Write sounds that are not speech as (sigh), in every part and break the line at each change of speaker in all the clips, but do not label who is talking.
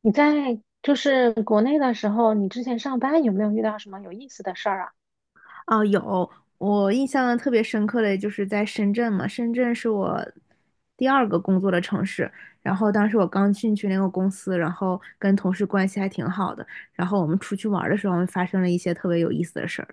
你在就是国内的时候，你之前上班有没有遇到什么有意思的事儿啊？
哦，有，我印象特别深刻的就是在深圳嘛，深圳是我第二个工作的城市。然后当时我刚进去那个公司，然后跟同事关系还挺好的。然后我们出去玩儿的时候，发生了一些特别有意思的事儿。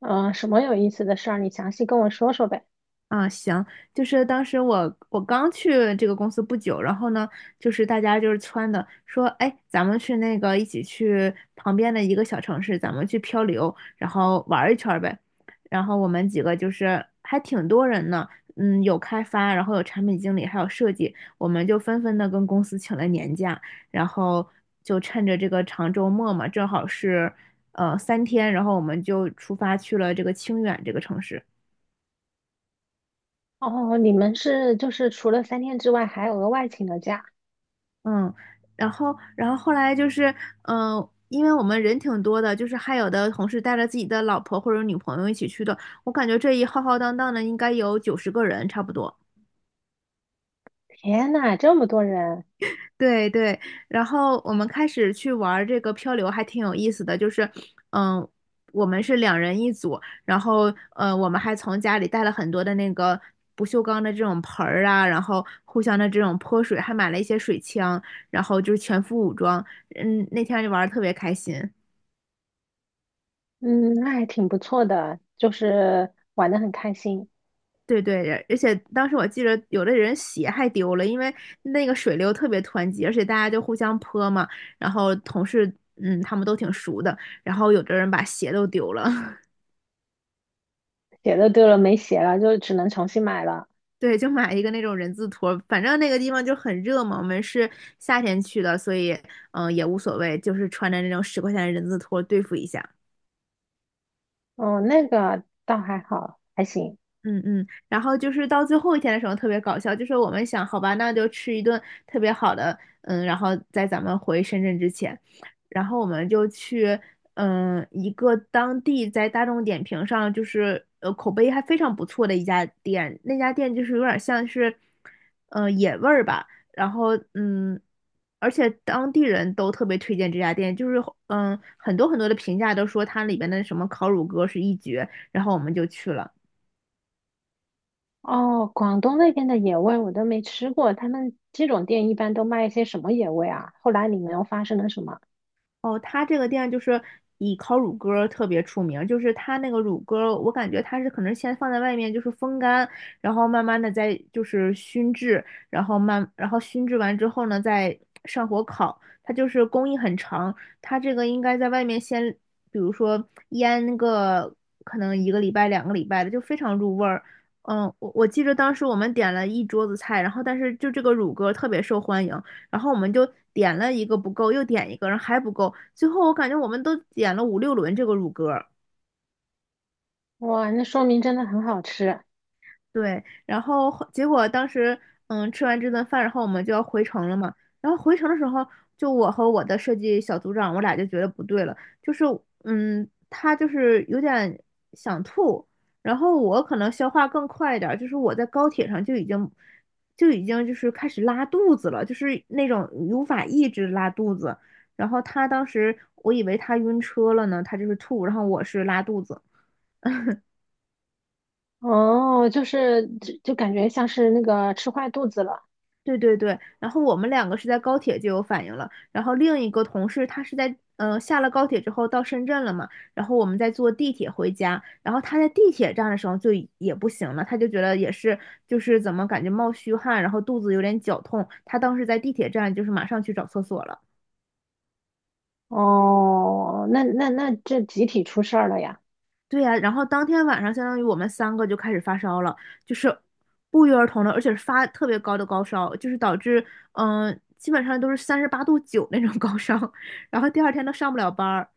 嗯，什么有意思的事儿？你详细跟我说说呗。
啊，行，就是当时我刚去这个公司不久，然后呢，就是大家就是撺的说，哎，咱们去那个一起去旁边的一个小城市，咱们去漂流，然后玩儿一圈儿呗。然后我们几个就是还挺多人呢，有开发，然后有产品经理，还有设计，我们就纷纷的跟公司请了年假，然后就趁着这个长周末嘛，正好是三天，然后我们就出发去了这个清远这个城市。
哦，你们是就是除了三天之外还额外请了假？
嗯，然后后来就是，因为我们人挺多的，就是还有的同事带着自己的老婆或者女朋友一起去的，我感觉这一浩浩荡荡的应该有90个人差不多。
天呐，这么多人，
对对，然后我们开始去玩儿这个漂流，还挺有意思的。就是，嗯，我们是两人一组，然后，我们还从家里带了很多的那个不锈钢的这种盆儿啊，然后互相的这种泼水，还买了一些水枪，然后就是全副武装。嗯，那天就玩的特别开心。
嗯，那还挺不错的，就是玩的很开心。
对对，而且当时我记着有的人鞋还丢了，因为那个水流特别湍急，而且大家就互相泼嘛，然后同事他们都挺熟的，然后有的人把鞋都丢了，(laughs)
鞋的丢了没鞋了，就只能重新买了。
对，就买一个那种人字拖，反正那个地方就很热嘛，我们是夏天去的，所以也无所谓，就是穿着那种10块钱的人字拖对付一下。
哦，那个倒还好，还行。
嗯嗯，然后就是到最后一天的时候特别搞笑，就是我们想，好吧，那就吃一顿特别好的，然后在咱们回深圳之前，然后我们就去，一个当地在大众点评上就是口碑还非常不错的一家店，那家店就是有点像是，野味儿吧，然后而且当地人都特别推荐这家店，就是很多很多的评价都说它里边的什么烤乳鸽是一绝，然后我们就去了。
哦，广东那边的野味我都没吃过，他们这种店一般都卖一些什么野味啊？后来你们又发生了什么？
哦，他这个店就是以烤乳鸽儿特别出名儿，就是他那个乳鸽儿我感觉他是可能先放在外面就是风干，然后慢慢的再就是熏制，然后然后熏制完之后呢，再上火烤。它就是工艺很长，它这个应该在外面先，比如说腌个可能一个礼拜、2个礼拜的，就非常入味儿。嗯，我记得当时我们点了一桌子菜，然后但是就这个乳鸽儿特别受欢迎，然后我们就点了一个不够，又点一个，然后还不够，最后我感觉我们都点了五六轮这个乳鸽。
哇，那说明真的很好吃。
对，然后结果当时，吃完这顿饭，然后我们就要回城了嘛。然后回城的时候，就我和我的设计小组长，我俩就觉得不对了，就是，他就是有点想吐，然后我可能消化更快一点儿，就是我在高铁上就已经就是开始拉肚子了，就是那种无法抑制拉肚子。然后他当时，我以为他晕车了呢，他就是吐，然后我是拉肚子。
哦，就是就感觉像是那个吃坏肚子了。
对对对，然后我们两个是在高铁就有反应了，然后另一个同事他是在下了高铁之后到深圳了嘛，然后我们在坐地铁回家，然后他在地铁站的时候也不行了，他就觉得也是就是怎么感觉冒虚汗，然后肚子有点绞痛，他当时在地铁站就是马上去找厕所了。
哦，那这集体出事儿了呀，
对呀、然后当天晚上，相当于我们三个就开始发烧了，就是不约而同的，而且是发特别高的高烧，就是导致基本上都是38.9度那种高烧，(laughs) 然后第二天都上不了班儿，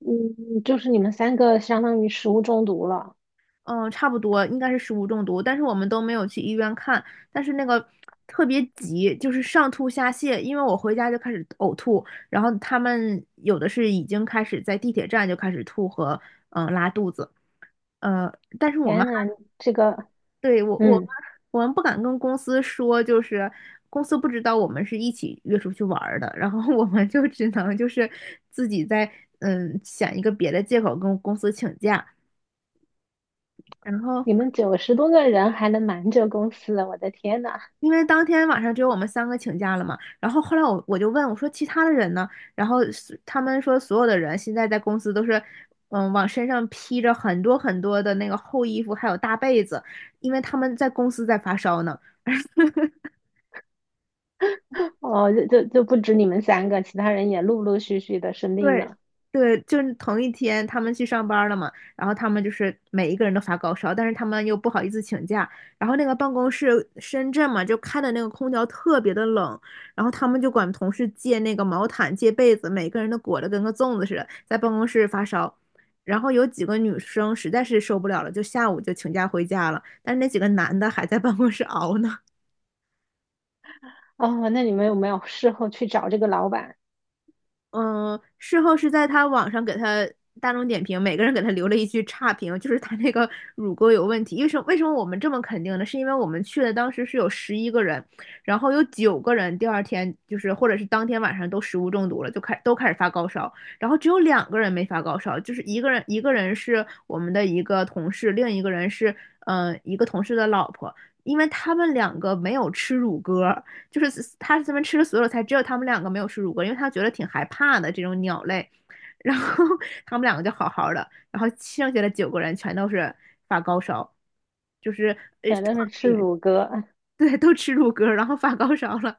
嗯，就是你们三个相当于食物中毒了，
嗯、差不多应该是食物中毒，但是我们都没有去医院看，但是那个特别急，就是上吐下泻，因为我回家就开始呕吐，然后他们有的是已经开始在地铁站就开始吐和拉肚子。呃，但是我们。
天呐，这个
对，我我们
嗯，
我们不敢跟公司说，就是公司不知道我们是一起约出去玩儿的，(laughs) 然后我们就只能就是自己在想一个别的借口跟公司请假，然后
你们九十多个人还能瞒着公司，我的天呐，
因为当天晚上只有我们三个请假了嘛，然后后来我就问我说其他的人呢，然后是他们说所有的人现在在公司都是。嗯，往身上披着很多很多的那个厚衣服，还有大被子，因为他们在公司在发烧呢。
(laughs) 哦，就不止你们三个，其他人也陆陆续续的生病
对
了。
对，就是同一天他们去上班了嘛，然后他们就是每一个人都发高烧，但是他们又不好意思请假，然后那个办公室深圳嘛，就开的那个空调特别的冷，然后他们就管同事借那个毛毯、借被子，每个人都裹得跟个粽子似的，在办公室发烧。然后有几个女生实在是受不了了，就下午就请假回家了，但是那几个男的还在办公室熬呢。
哦，那你们有没有事后去找这个老板，
嗯，事后是在他网上给他大众点评，每个人给他留了一句差评，就是他那个 (laughs) 乳沟有问题。为什么我们这么肯定呢？是因为我们去的当时是有11个人，然后有九个人第二天就是或者是当天晚上都食物中毒了，都开始发高烧，然后只有两个人没发高烧，就是一个人是我们的一个同事，另一个人是一个同事的老婆，因为他们两个没有吃乳鸽，就是他这边吃了所有菜，只有他们两个没有吃乳鸽，因为他觉得挺害怕的这种鸟类。(laughs) 然后他们两个就好好的，然后剩下的九个人全都是发高烧，就是呃
反正是吃乳鸽，
对，都吃乳鸽然后发高烧了。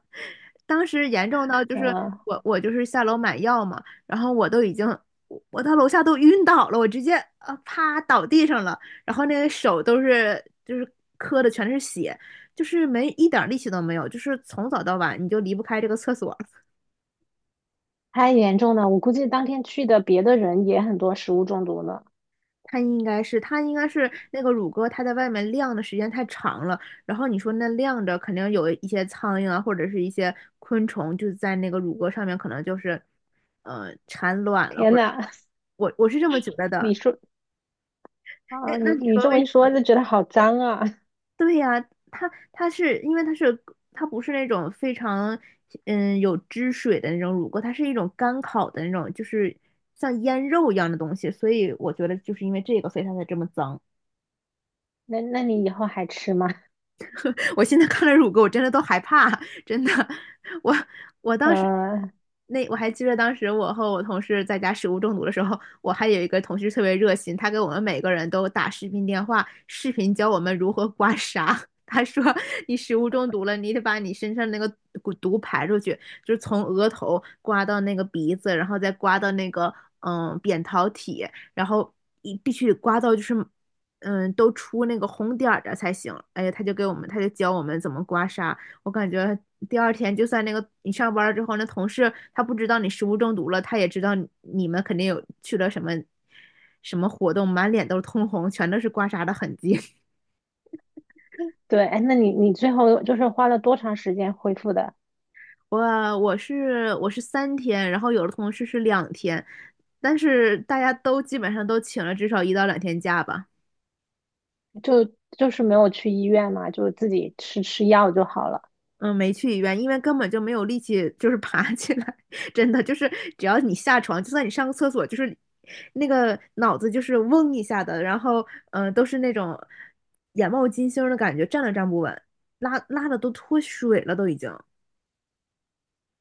当时严重到就是
嗯、
我就是下楼买药嘛，然后我到楼下都晕倒了，我直接啪倒地上了，然后那个手都是就是磕的全是血，就是没一点力气都没有，就是从早到晚你就离不开这个厕所，
太严重了，我估计当天去的别的人也很多食物中毒了。
它应该是，它应该是那个乳鸽，它在外面晾的时间太长了。然后你说那晾着，肯定有一些苍蝇啊，或者是一些昆虫，就在那个乳鸽上面，可能就是，产卵了，
天
或者
呐，(laughs)
我是这么觉得的。
你说
那
啊，
那
你
你
你
说
这么一
为
说，就觉得好脏啊。(laughs)
对呀、它是因为它是它不是那种非常有汁水的那种乳鸽，它是一种干烤的那种，就是像腌肉一样的东西，所以我觉得就是因为这个，所以它才这么脏。
那你以后还吃吗？
我现在看了乳沟，我真的都害怕，真的。我我当时
呃，
那我还记得，当时我和我同事在家食物中毒的时候，我还有一个同事特别热心，他给我们每个人都打视频电话，视频教我们如何刮痧。他说：“你食物中毒了，你得把你身上那个毒排出去，就是从额头刮到那个鼻子，然后再刮到那个扁桃体，然后必须刮到就是都出那个红点儿的才行。哎呀，他就给我们，他就教我们怎么刮痧。我感觉第二天就算那个你上班了之后，那同事他不知道你食物中毒了，他也知道你你们肯定有去了什么什么活动，满脸都是通红，全都是刮痧的痕迹。(laughs)
对，哎，那你最后就是花了多长时间恢复的？
我我是三天，然后有的同事是两天，但是大家都基本上都请了至少一到两天假吧。
就就是没有去医院嘛，就自己吃吃药就好了。
嗯，没去医院，因为根本就没有力气，就是 (laughs) 爬起来。(laughs) 真的，就是只要你下床，就算你上个厕所，就是那个脑子就是嗡一下的，然后都是那种眼冒金星的感觉，站都站不稳，拉拉的都脱水了，都已经。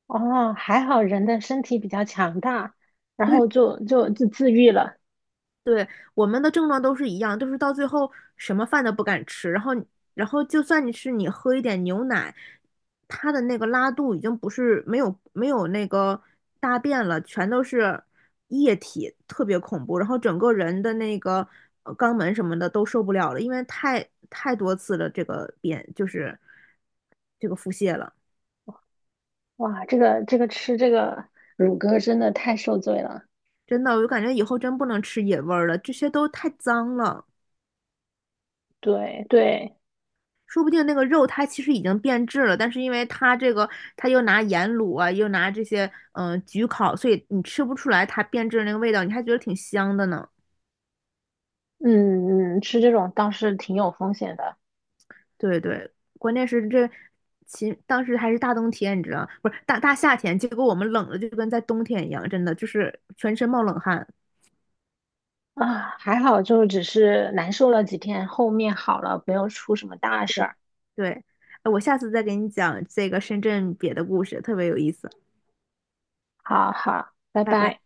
哦，还好人的身体比较强大，然
对，
后就自愈了。
对，我们的症状都是一样，都是到最后什么饭都不敢吃，然后就算你是你喝一点牛奶，它的那个拉肚已经不是没有那个大便了，全都是液体，特别恐怖，然后整个人的那个肛门什么的都受不了了，因为太多次了，这个便就是这个腹泻了，
哇，这个吃这个乳鸽真的太受罪了。
真的，我就感觉以后真不能吃野味儿了，这些都太脏了。
对对。
说不定那个肉它其实已经变质了，但是因为它这个，它又拿盐卤啊，又拿这些焗烤，所以你吃不出来它变质的那个味道，你还觉得挺香的呢。
嗯嗯，吃这种倒是挺有风险的。
对对，关键是这，当时还是大冬天，你知道，不是大夏天，结果我们冷的就跟在冬天一样，真的就是全身冒冷汗。
啊，还好就只是难受了几天，后面好了，没有出什么大事
对
儿。
对，哎我下次再给你讲这个深圳别的故事，特别有意思。
好好，拜
拜拜。
拜。